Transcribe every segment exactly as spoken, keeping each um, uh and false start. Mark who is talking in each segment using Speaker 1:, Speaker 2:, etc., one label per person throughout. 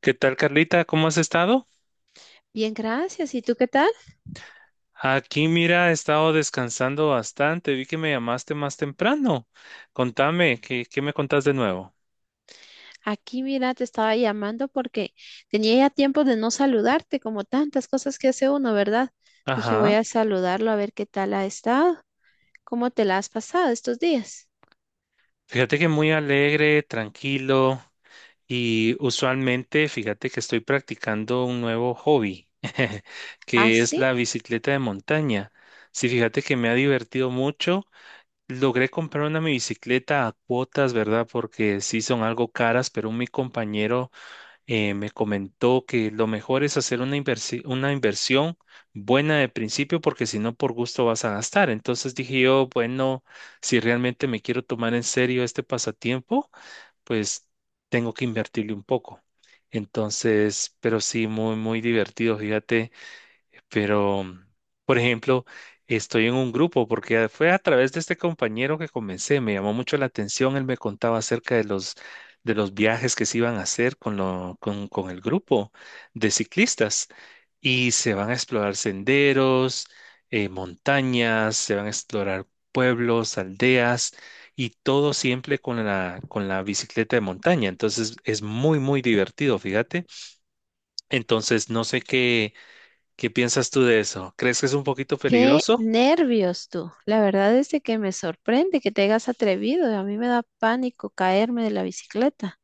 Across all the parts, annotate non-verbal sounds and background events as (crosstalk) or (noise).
Speaker 1: ¿Qué tal, Carlita? ¿Cómo has estado?
Speaker 2: Bien, gracias. ¿Y tú qué tal?
Speaker 1: Aquí, mira, he estado descansando bastante. Vi que me llamaste más temprano. Contame, ¿qué, qué me contás de nuevo?
Speaker 2: Aquí, mira, te estaba llamando porque tenía ya tiempo de no saludarte, como tantas cosas que hace uno, ¿verdad? Dije, voy
Speaker 1: Ajá.
Speaker 2: a saludarlo a ver qué tal ha estado, cómo te la has pasado estos días.
Speaker 1: Fíjate que muy alegre, tranquilo y usualmente, fíjate que estoy practicando un nuevo hobby, (laughs)
Speaker 2: Ah,
Speaker 1: que es
Speaker 2: sí,
Speaker 1: la bicicleta de montaña. Sí, fíjate que me ha divertido mucho. Logré comprar una mi bicicleta a cuotas, ¿verdad? Porque sí son algo caras, pero mi compañero eh, me comentó que lo mejor es hacer una inversi- una inversión buena de principio porque si no por gusto vas a gastar. Entonces dije yo, bueno, si realmente me quiero tomar en serio este pasatiempo, pues tengo que invertirle un poco. Entonces, pero sí, muy, muy divertido, fíjate. Pero, por ejemplo, estoy en un grupo porque fue a través de este compañero que comencé, me llamó mucho la atención, él me contaba acerca de los, de los viajes que se iban a hacer con, lo, con, con el grupo de ciclistas y se van a explorar senderos, eh, montañas, se van a explorar pueblos, aldeas y todo siempre con la, con la bicicleta de montaña. Entonces es muy, muy divertido, fíjate. Entonces no sé qué. ¿Qué piensas tú de eso? ¿Crees que es un poquito
Speaker 2: qué
Speaker 1: peligroso?
Speaker 2: nervios tú. La verdad es de que me sorprende que te hayas atrevido. A mí me da pánico caerme de la bicicleta.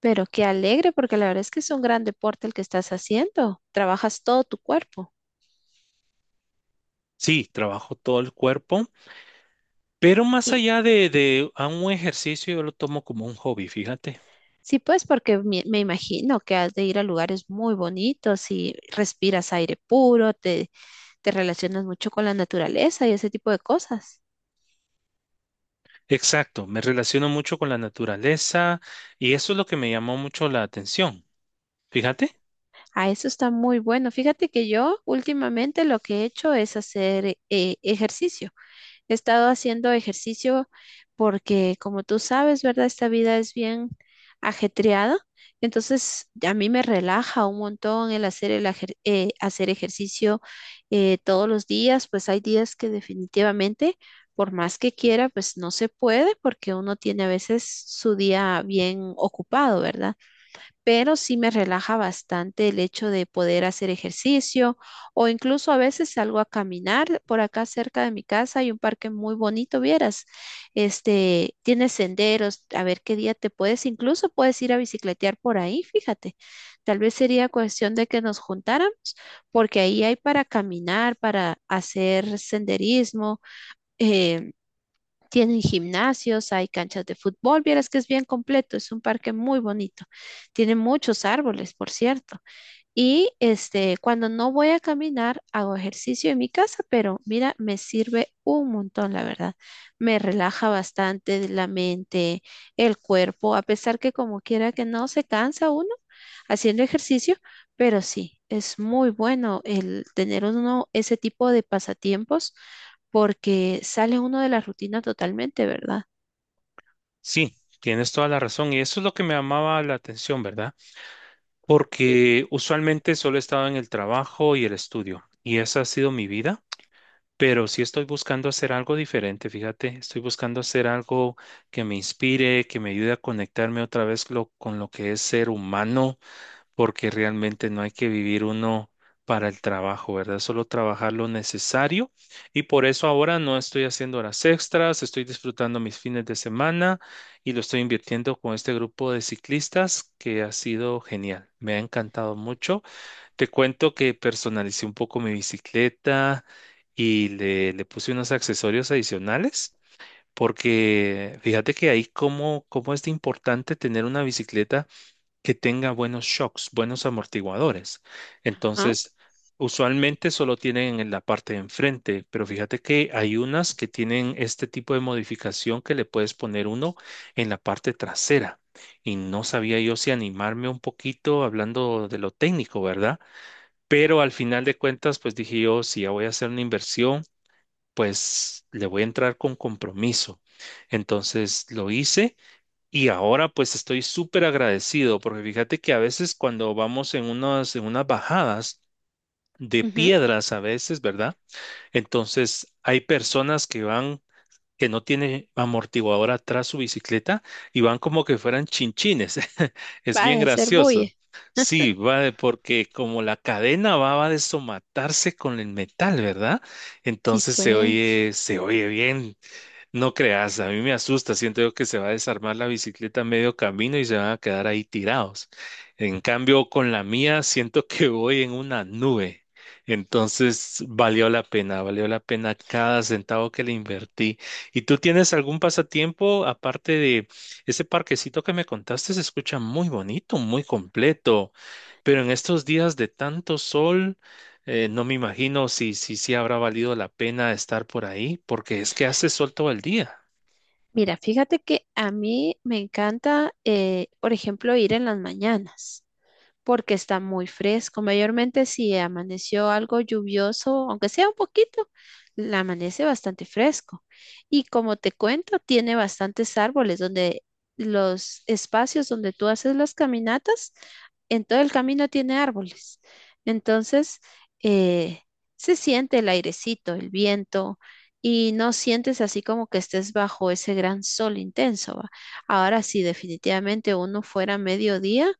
Speaker 2: Pero qué alegre, porque la verdad es que es un gran deporte el que estás haciendo. Trabajas todo tu cuerpo.
Speaker 1: Sí, trabajo todo el cuerpo, pero más allá de, de a un ejercicio, yo lo tomo como un hobby, fíjate.
Speaker 2: Sí, pues porque me, me imagino que has de ir a lugares muy bonitos y respiras aire puro, te, te relacionas mucho con la naturaleza y ese tipo de cosas.
Speaker 1: Exacto, me relaciono mucho con la naturaleza y eso es lo que me llamó mucho la atención. Fíjate,
Speaker 2: Ah, eso está muy bueno. Fíjate que yo últimamente lo que he hecho es hacer eh, ejercicio. He estado haciendo ejercicio porque, como tú sabes, ¿verdad? Esta vida es bien ajetreada. Entonces, a mí me relaja un montón el hacer, el ejer- eh, hacer ejercicio eh, todos los días. Pues hay días que, definitivamente, por más que quiera, pues no se puede porque uno tiene a veces su día bien ocupado, ¿verdad? Pero sí me relaja bastante el hecho de poder hacer ejercicio, o incluso a veces salgo a caminar por acá cerca de mi casa. Hay un parque muy bonito, vieras, este, tiene senderos. A ver qué día te puedes, incluso puedes ir a bicicletear por ahí, fíjate, tal vez sería cuestión de que nos juntáramos, porque ahí hay para caminar, para hacer senderismo, eh, tienen gimnasios, hay canchas de fútbol. Vieras que es bien completo, es un parque muy bonito. Tiene muchos árboles, por cierto. Y este, cuando no voy a caminar, hago ejercicio en mi casa, pero mira, me sirve un montón, la verdad. Me relaja bastante la mente, el cuerpo, a pesar que como quiera que no se cansa uno haciendo ejercicio, pero sí, es muy bueno el tener uno ese tipo de pasatiempos porque sale uno de la rutina totalmente, ¿verdad?
Speaker 1: sí, tienes toda la razón y eso es lo que me llamaba la atención, ¿verdad? Porque usualmente solo he estado en el trabajo y el estudio y esa ha sido mi vida. Pero sí estoy buscando hacer algo diferente, fíjate, estoy buscando hacer algo que me inspire, que me ayude a conectarme otra vez lo- con lo que es ser humano, porque realmente no hay que vivir uno para el trabajo, ¿verdad? Solo trabajar lo necesario y por eso ahora no estoy haciendo horas extras, estoy disfrutando mis fines de semana y lo estoy invirtiendo con este grupo de ciclistas que ha sido genial, me ha encantado mucho. Te cuento que personalicé un poco mi bicicleta y le, le puse unos accesorios adicionales porque fíjate que ahí cómo, cómo es de importante tener una bicicleta que tenga buenos shocks, buenos amortiguadores.
Speaker 2: Ajá,
Speaker 1: Entonces, usualmente solo tienen en la parte de enfrente, pero fíjate que hay unas que tienen este tipo de modificación que le puedes poner uno en la parte trasera. Y no sabía yo si animarme un poquito hablando de lo técnico, ¿verdad? Pero al final de cuentas, pues dije yo, si ya voy a hacer una inversión, pues le voy a entrar con compromiso. Entonces lo hice y ahora pues estoy súper agradecido porque fíjate que a veces cuando vamos en unas, en unas bajadas de
Speaker 2: ujú.
Speaker 1: piedras a veces, ¿verdad? Entonces hay personas que van que no tiene amortiguador atrás su bicicleta y van como que fueran chinchines. (laughs) Es
Speaker 2: Va
Speaker 1: bien
Speaker 2: a hacer bulla.
Speaker 1: gracioso. Sí, va de- porque como la cadena va, va a desomatarse con el metal, ¿verdad?
Speaker 2: Sí,
Speaker 1: Entonces se
Speaker 2: pues.
Speaker 1: oye, se oye bien. No creas, a mí me asusta, siento yo que se va a desarmar la bicicleta a medio camino y se van a quedar ahí tirados. En cambio, con la mía siento que voy en una nube. Entonces, valió la pena, valió la pena cada centavo que le invertí. ¿Y tú tienes algún pasatiempo aparte de ese parquecito que me contaste? Se escucha muy bonito, muy completo, pero en estos días de tanto sol. Eh, no me imagino si, si, si habrá valido la pena estar por ahí, porque es que hace sol todo el día,
Speaker 2: Mira, fíjate que a mí me encanta, eh, por ejemplo, ir en las mañanas, porque está muy fresco. Mayormente si amaneció algo lluvioso, aunque sea un poquito, la amanece bastante fresco. Y como te cuento, tiene bastantes árboles donde los espacios donde tú haces las caminatas, en todo el camino tiene árboles. Entonces, eh, se siente el airecito, el viento. Y no sientes así como que estés bajo ese gran sol intenso, ¿va? Ahora, si definitivamente uno fuera a mediodía,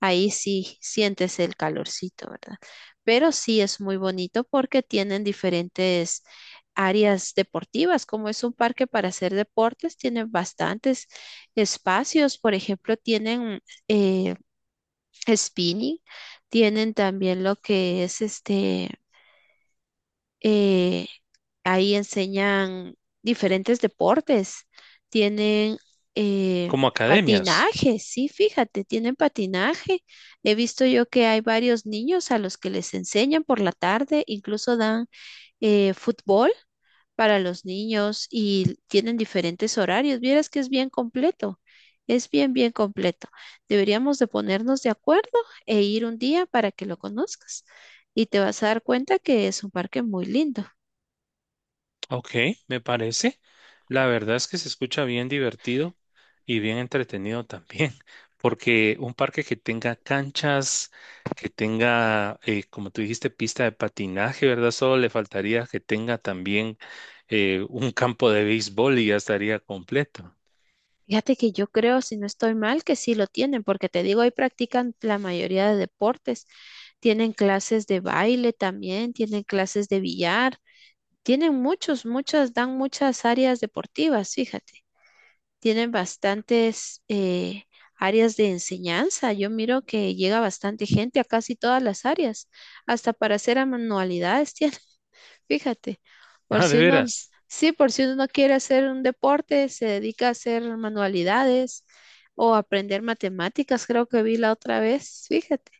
Speaker 2: ahí sí sientes el calorcito, ¿verdad? Pero sí es muy bonito porque tienen diferentes áreas deportivas. Como es un parque para hacer deportes, tienen bastantes espacios. Por ejemplo, tienen eh, spinning, tienen también lo que es este, eh, ahí enseñan diferentes deportes. Tienen eh,
Speaker 1: como academias.
Speaker 2: patinaje, sí, fíjate, tienen patinaje. He visto yo que hay varios niños a los que les enseñan por la tarde, incluso dan eh, fútbol para los niños, y tienen diferentes horarios. Vieras que es bien completo, es bien, bien completo. Deberíamos de ponernos de acuerdo e ir un día para que lo conozcas y te vas a dar cuenta que es un parque muy lindo.
Speaker 1: Ok, me parece. La verdad es que se escucha bien divertido y bien entretenido también, (laughs) porque un parque que tenga canchas, que tenga, eh, como tú dijiste, pista de patinaje, ¿verdad? Solo le faltaría que tenga también eh, un campo de béisbol y ya estaría completo. (laughs)
Speaker 2: Fíjate que yo creo, si no estoy mal, que sí lo tienen, porque te digo, ahí practican la mayoría de deportes. Tienen clases de baile también, tienen clases de billar, tienen muchos, muchas, dan muchas áreas deportivas, fíjate. Tienen bastantes eh, áreas de enseñanza. Yo miro que llega bastante gente a casi todas las áreas, hasta para hacer manualidades tienen. Fíjate, por
Speaker 1: Ah, de
Speaker 2: si uno,
Speaker 1: veras.
Speaker 2: sí, por si uno no quiere hacer un deporte, se dedica a hacer manualidades o aprender matemáticas, creo que vi la otra vez. Fíjate,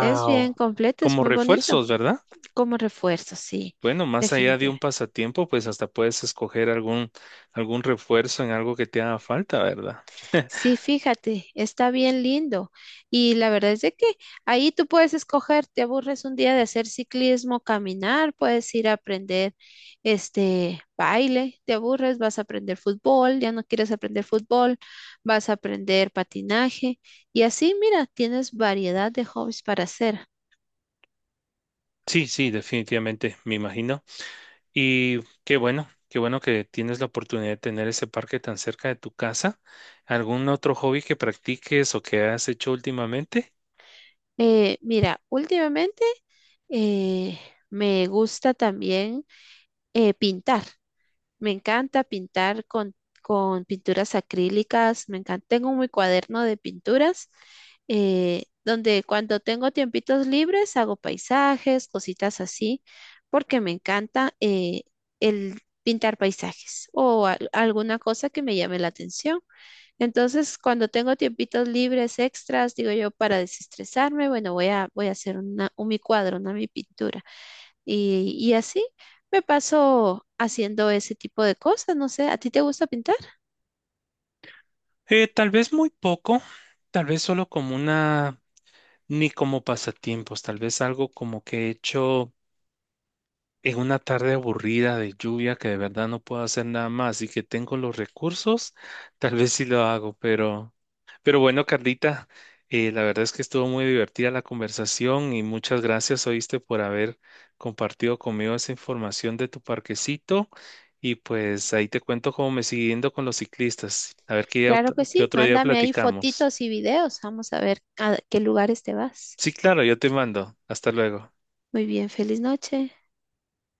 Speaker 2: es bien completo, es
Speaker 1: Como
Speaker 2: muy bonito
Speaker 1: refuerzos, ¿verdad?
Speaker 2: como refuerzo, sí,
Speaker 1: Bueno, más allá de un
Speaker 2: definitivamente.
Speaker 1: pasatiempo, pues hasta puedes escoger algún, algún refuerzo en algo que te haga falta, ¿verdad? (laughs)
Speaker 2: Sí, fíjate, está bien lindo. Y la verdad es de que ahí tú puedes escoger. Te aburres un día de hacer ciclismo, caminar, puedes ir a aprender este baile; te aburres, vas a aprender fútbol; ya no quieres aprender fútbol, vas a aprender patinaje. Y así, mira, tienes variedad de hobbies para hacer.
Speaker 1: Sí, sí, definitivamente, me imagino. Y qué bueno, qué bueno que tienes la oportunidad de tener ese parque tan cerca de tu casa. ¿Algún otro hobby que practiques o que has hecho últimamente?
Speaker 2: Eh, mira, últimamente eh, me gusta también eh, pintar. Me encanta pintar con, con pinturas acrílicas, me encanta. Tengo mi cuaderno de pinturas, eh, donde cuando tengo tiempitos libres hago paisajes, cositas así, porque me encanta eh, el pintar paisajes o al- alguna cosa que me llame la atención. Entonces, cuando tengo tiempitos libres extras, digo yo, para desestresarme, bueno, voy a, voy a hacer una, un mi cuadro, una mi pintura. Y, y así me paso haciendo ese tipo de cosas. No sé, ¿a ti te gusta pintar?
Speaker 1: Eh, tal vez muy poco, tal vez solo como una, ni como pasatiempos, tal vez algo como que he hecho en una tarde aburrida de lluvia que de verdad no puedo hacer nada más y que tengo los recursos, tal vez sí lo hago, pero, pero bueno, Carlita, eh, la verdad es que estuvo muy divertida la conversación y muchas gracias, oíste, por haber compartido conmigo esa información de tu parquecito y pues ahí te cuento cómo me sigue yendo con los ciclistas. A ver qué,
Speaker 2: Claro que
Speaker 1: ot- qué
Speaker 2: sí,
Speaker 1: otro día
Speaker 2: mándame ahí
Speaker 1: platicamos.
Speaker 2: fotitos y videos, vamos a ver a qué lugares te vas.
Speaker 1: Sí, claro, yo te mando. Hasta luego.
Speaker 2: Muy bien, feliz noche.